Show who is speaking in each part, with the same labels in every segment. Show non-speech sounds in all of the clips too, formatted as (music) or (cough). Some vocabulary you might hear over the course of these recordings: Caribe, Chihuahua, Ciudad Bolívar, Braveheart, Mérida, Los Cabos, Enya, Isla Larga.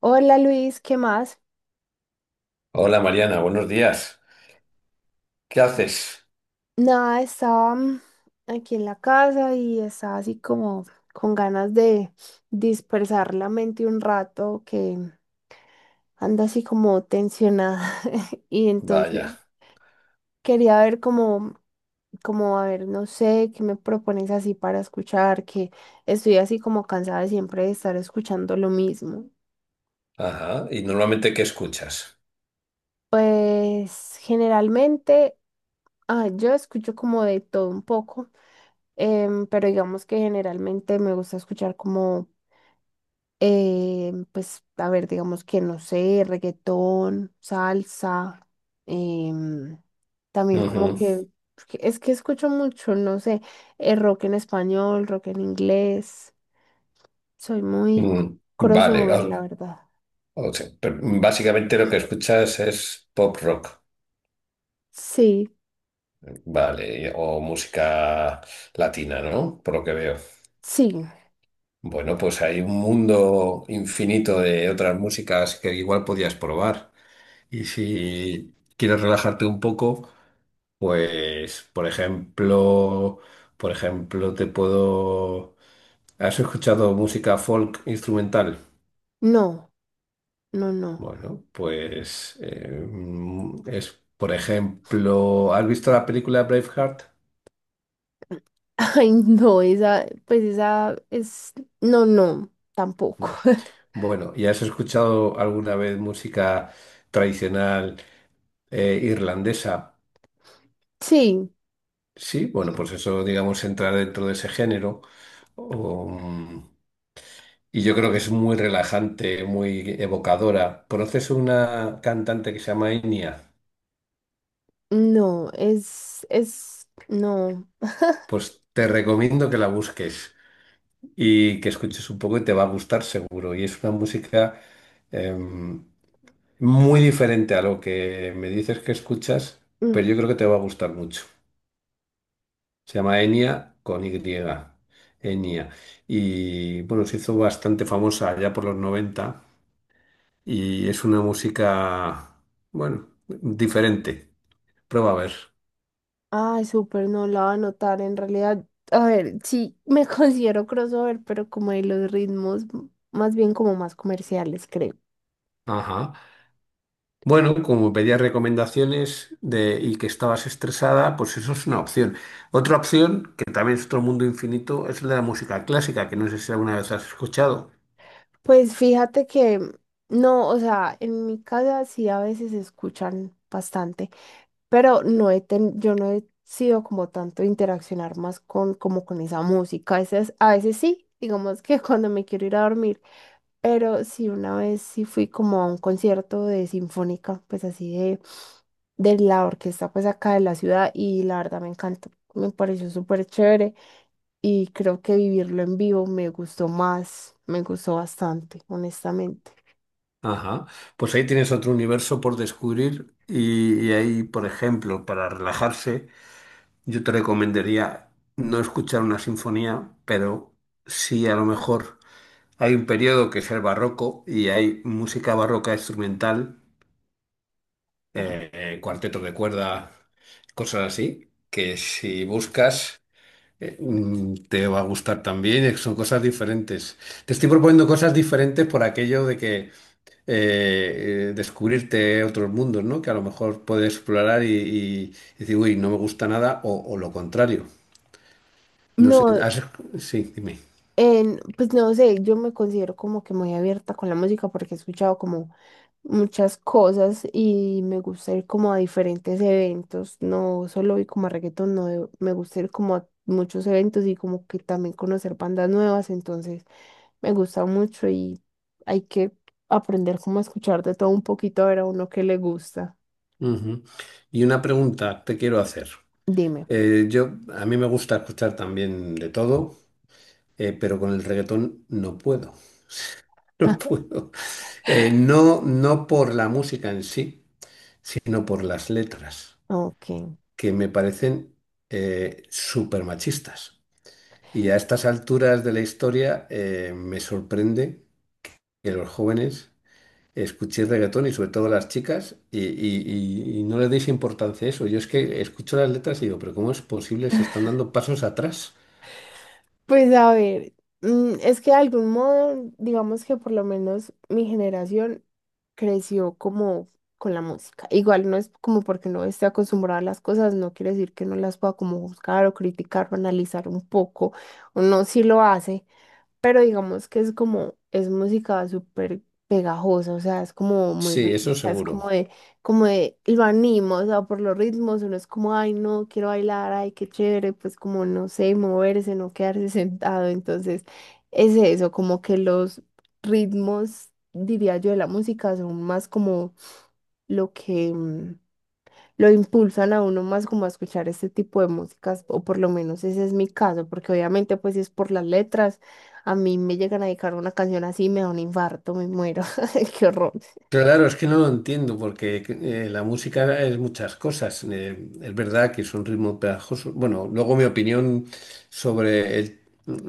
Speaker 1: Hola Luis, ¿qué más?
Speaker 2: Hola Mariana, buenos días. ¿Qué haces?
Speaker 1: Nada, estaba aquí en la casa y estaba así como con ganas de dispersar la mente un rato que anda así como tensionada (laughs) y
Speaker 2: Vaya.
Speaker 1: entonces quería ver como a ver, no sé, qué me propones así para escuchar, que estoy así como cansada siempre de estar escuchando lo mismo.
Speaker 2: Ajá. ¿Y normalmente qué escuchas?
Speaker 1: Pues generalmente yo escucho como de todo un poco. Pero digamos que generalmente me gusta escuchar pues, a ver, digamos que no sé, reggaetón, salsa, em, también como
Speaker 2: Ujú.
Speaker 1: que, porque es que escucho mucho, no sé, rock en español, rock en inglés, soy muy c-
Speaker 2: Mm, vale.
Speaker 1: crossover, la verdad.
Speaker 2: O sea, pero básicamente lo que escuchas es pop rock.
Speaker 1: Sí,
Speaker 2: Vale. O música latina, ¿no? Por lo que veo.
Speaker 1: sí,
Speaker 2: Bueno, pues hay un mundo infinito de otras músicas que igual podías probar. Y si quieres relajarte un poco, pues, por ejemplo, te puedo. ¿Has escuchado música folk instrumental?
Speaker 1: no, no, no.
Speaker 2: Bueno, pues es, por ejemplo, ¿has visto la película Braveheart?
Speaker 1: (laughs) Ay, no, esa, pues esa es, no, no, tampoco.
Speaker 2: No.
Speaker 1: (laughs)
Speaker 2: Bueno, ¿y has escuchado alguna vez música tradicional irlandesa?
Speaker 1: Sí.
Speaker 2: Sí, bueno, pues eso, digamos, entra dentro de ese género. Um, y yo creo que es muy relajante, muy evocadora. ¿Conoces una cantante que se llama Enya?
Speaker 1: No, es, no.
Speaker 2: Pues te recomiendo que la busques. Y que escuches un poco y te va a gustar seguro. Y es una música em, muy diferente a lo que me dices que escuchas,
Speaker 1: Mm.
Speaker 2: pero yo creo que te va a gustar mucho. Se llama Enya con Y. Enya. Y bueno, se hizo bastante famosa ya por los 90 y es una música, bueno, diferente. Prueba a ver.
Speaker 1: Ay, súper, no la va a notar en realidad. A ver, sí, me (laughs) considero crossover, pero como de los ritmos, más bien como más comerciales, creo.
Speaker 2: Ajá. Bueno, como pedías recomendaciones de, y que estabas estresada, pues eso es una opción. Otra opción, que también es otro mundo infinito, es el de la música clásica, que no sé si alguna vez has escuchado.
Speaker 1: Pues fíjate que, no, o sea, en mi casa sí a veces se escuchan bastante, pero yo no he sido como tanto interaccionar más con, como con esa música. A veces sí, digamos que (laughs) cuando me quiero ir a dormir, pero sí una vez sí fui como a un concierto de sinfónica, pues así de la orquesta pues acá de la ciudad y la verdad me encantó, me pareció súper chévere y creo que vivirlo en vivo me gustó más, me gustó bastante, honestamente.
Speaker 2: Ajá. Pues ahí tienes otro universo por descubrir y ahí, por ejemplo, para relajarse, yo te recomendaría no escuchar una sinfonía, pero sí a lo mejor hay un periodo que es el barroco y hay música barroca instrumental, cuarteto de cuerda, cosas así, que si buscas te va a gustar también. Son cosas diferentes. Te estoy proponiendo cosas diferentes por aquello de que descubrirte otros mundos, ¿no? Que a lo mejor puedes explorar y decir, uy, no me gusta nada, o lo contrario. No sé,
Speaker 1: No.
Speaker 2: sí, dime.
Speaker 1: Pues no sé, yo me considero como que muy abierta con la música porque he escuchado como muchas cosas y me gusta ir como a diferentes eventos, no solo ir como a reggaetón, no, me gusta ir como a muchos eventos y como que también conocer bandas nuevas, entonces me gusta mucho y hay que aprender como a escuchar de todo un poquito a ver a uno que le gusta.
Speaker 2: Ujú. Y una pregunta te quiero hacer.
Speaker 1: Dime.
Speaker 2: A mí me gusta escuchar también de todo, pero con el reggaetón no puedo. (laughs) No puedo. No, no por la música en sí, sino por las letras,
Speaker 1: Ok.
Speaker 2: que me parecen súper machistas. Y a estas alturas de la historia me sorprende que los jóvenes escuchéis reggaetón y sobre todo las chicas y no le deis importancia a eso. Yo es que escucho las letras y digo, pero ¿cómo es posible? Se están dando pasos atrás.
Speaker 1: Pues a ver, es que de algún modo, digamos que por lo menos mi generación creció como con la música. Igual no es como porque no esté acostumbrada a las cosas, no quiere decir que no las pueda como buscar o criticar o analizar un poco, uno sí lo hace, pero digamos que es como, es música súper pegajosa, o sea, es como muy
Speaker 2: Sí, eso
Speaker 1: rítmica, es
Speaker 2: seguro.
Speaker 1: como de, lo animo, o sea, por los ritmos, uno es como, ay, no, quiero bailar, ay, qué chévere, pues como, no sé, moverse, no quedarse (laughs) sentado, entonces, es eso, como que los ritmos, diría yo, de la música son más como lo que... lo impulsan a uno más como a escuchar este tipo de músicas, o por lo menos ese es mi caso, porque obviamente pues si es por las letras, a mí me llegan a dedicar una canción así, me da un infarto, me muero, (laughs) qué horror.
Speaker 2: Claro, es que no lo entiendo porque la música es muchas cosas. Es verdad que es un ritmo pegajosos. Bueno, luego mi opinión sobre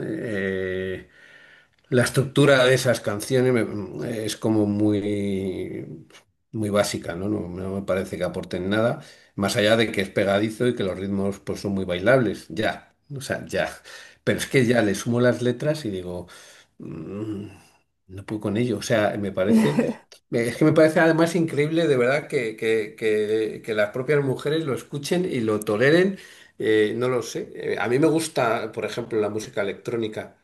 Speaker 2: eh, la estructura de esas canciones es como muy, muy básica, ¿no? No, no me parece que aporten nada, más allá de que es pegadizo y que los ritmos pues, son muy bailables, ya, o sea, ya. Pero es que ya le sumo las letras y digo, mm, no puedo con ello, o sea, me parece,
Speaker 1: (laughs)
Speaker 2: es que me parece además increíble de verdad que las propias mujeres lo escuchen y lo toleren, no lo sé. A mí me gusta, por ejemplo, la música electrónica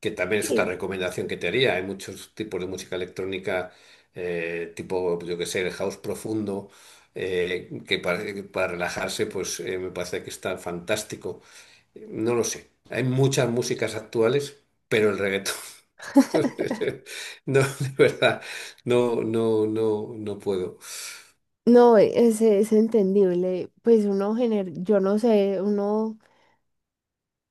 Speaker 2: que también es otra
Speaker 1: Sí.
Speaker 2: recomendación que te haría. Hay muchos tipos de música electrónica, tipo, yo que sé, el house profundo, que para relajarse, pues me parece que está fantástico. No lo sé. Hay muchas músicas actuales, pero el reggaetón, (laughs) no, de verdad, no, no, no, no puedo.
Speaker 1: No, es entendible, pues yo no sé, uno,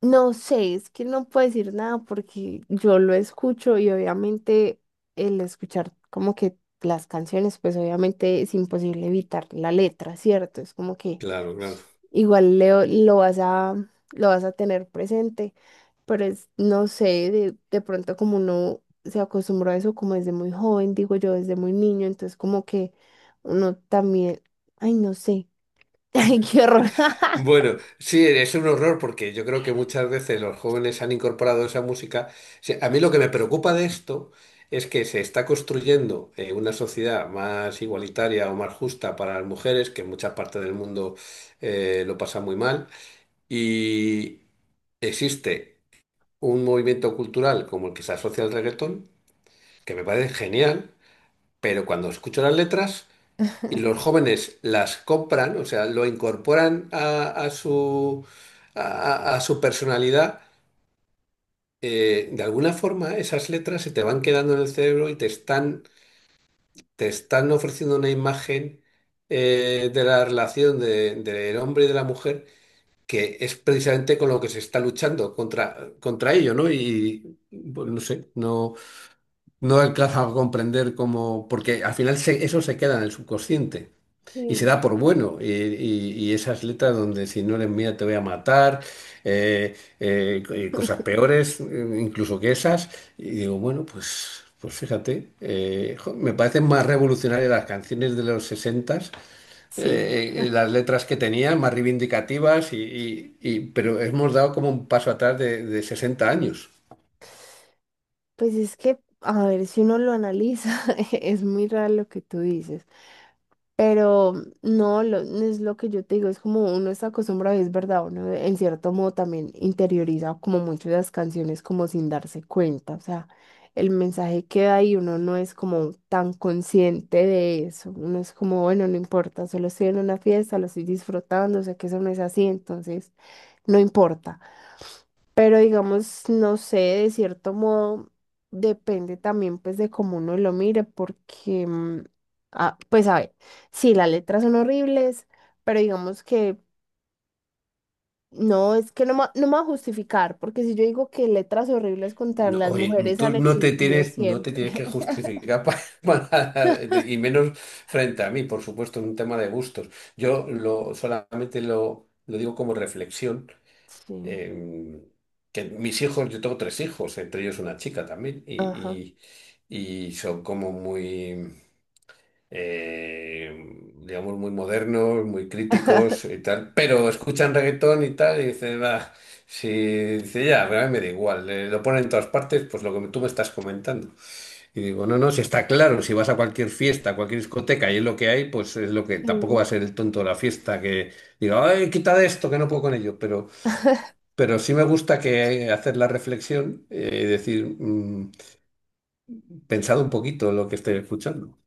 Speaker 1: no sé, es que no puedo decir nada porque yo lo escucho y obviamente el escuchar como que las canciones, pues obviamente es imposible evitar la letra, ¿cierto? Es como que
Speaker 2: Claro, claro.
Speaker 1: igual Leo, lo vas a tener presente, pero es, no sé, de pronto como uno se acostumbró a eso como desde muy joven, digo yo, desde muy niño, entonces como que uno también, ay, no sé, (laughs) ay, qué horror. (laughs)
Speaker 2: Bueno, sí, es un horror porque yo creo que muchas veces los jóvenes han incorporado esa música. Sí, a mí lo que me preocupa de esto es que se está construyendo una sociedad más igualitaria o más justa para las mujeres, que en muchas partes del mundo lo pasa muy mal, y existe un movimiento cultural como el que se asocia al reggaetón, que me parece genial, pero cuando escucho las letras... Y los jóvenes las compran, o sea, lo incorporan a su personalidad. De alguna forma esas letras se te van quedando en el cerebro y te están ofreciendo una imagen de la relación del hombre y de la mujer que es precisamente con lo que se está luchando contra ello, ¿no? Y pues, no sé, no, no alcanza a comprender cómo, porque al final eso se queda en el subconsciente. Y se
Speaker 1: Sí.
Speaker 2: da por bueno. Y esas letras donde si no eres mía te voy a matar, cosas peores incluso que esas. Y digo, bueno, pues, pues fíjate, jo, me parecen más revolucionarias las canciones de los 60,
Speaker 1: Sí.
Speaker 2: las letras que tenían, más reivindicativas, pero hemos dado como un paso atrás de, 60 años.
Speaker 1: Pues es que, a ver, si uno lo analiza, (laughs) es muy raro lo que tú dices. Pero no, es lo que yo te digo, es como uno está acostumbrado, y es verdad, uno en cierto modo también interioriza como mucho las canciones como sin darse cuenta, o sea, el mensaje queda ahí, uno no es como tan consciente de eso, uno es como, bueno, no importa, solo estoy en una fiesta, lo estoy disfrutando, sé que eso no es así, entonces no importa. Pero digamos, no sé, de cierto modo depende también pues de cómo uno lo mire, porque, pues a ver, sí, las letras son horribles, pero digamos que no, es que no, no me va a justificar, porque si yo digo que letras horribles contra
Speaker 2: No,
Speaker 1: las
Speaker 2: oye,
Speaker 1: mujeres
Speaker 2: tú
Speaker 1: han
Speaker 2: no te
Speaker 1: existido
Speaker 2: tienes, no te
Speaker 1: siempre.
Speaker 2: tienes que
Speaker 1: (laughs)
Speaker 2: justificar (laughs) y menos frente a mí, por supuesto, es un tema de gustos. Solamente lo digo como reflexión,
Speaker 1: Sí,
Speaker 2: eh, que mis hijos, yo tengo tres hijos, entre ellos una chica también, y,
Speaker 1: ajá.
Speaker 2: y, y son como muy digamos, muy modernos, muy críticos y
Speaker 1: (laughs)
Speaker 2: tal, pero escuchan reggaetón y tal, y dicen, va, si dice, ya, pero a mí me da igual, lo ponen en todas partes, pues lo que tú me estás comentando. Y digo, no, no, si está claro, si vas a cualquier fiesta, a cualquier discoteca y es lo que hay, pues es lo que tampoco va
Speaker 1: Sí,
Speaker 2: a ser el tonto de la fiesta que diga, ay, quita de esto, que no puedo con ello, pero,
Speaker 1: (laughs)
Speaker 2: pero sí me gusta que hacer la reflexión y decir, pensad un poquito lo que estoy escuchando.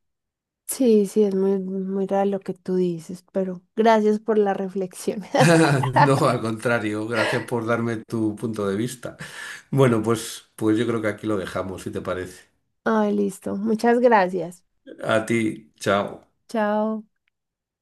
Speaker 1: sí, sí, es muy, muy raro lo que tú dices, pero gracias por la reflexión. (laughs)
Speaker 2: (laughs) No, al contrario, gracias por darme tu punto de vista. Bueno, pues yo creo que aquí lo dejamos, si te parece.
Speaker 1: Ay, listo, muchas gracias.
Speaker 2: A ti, chao.
Speaker 1: Chao.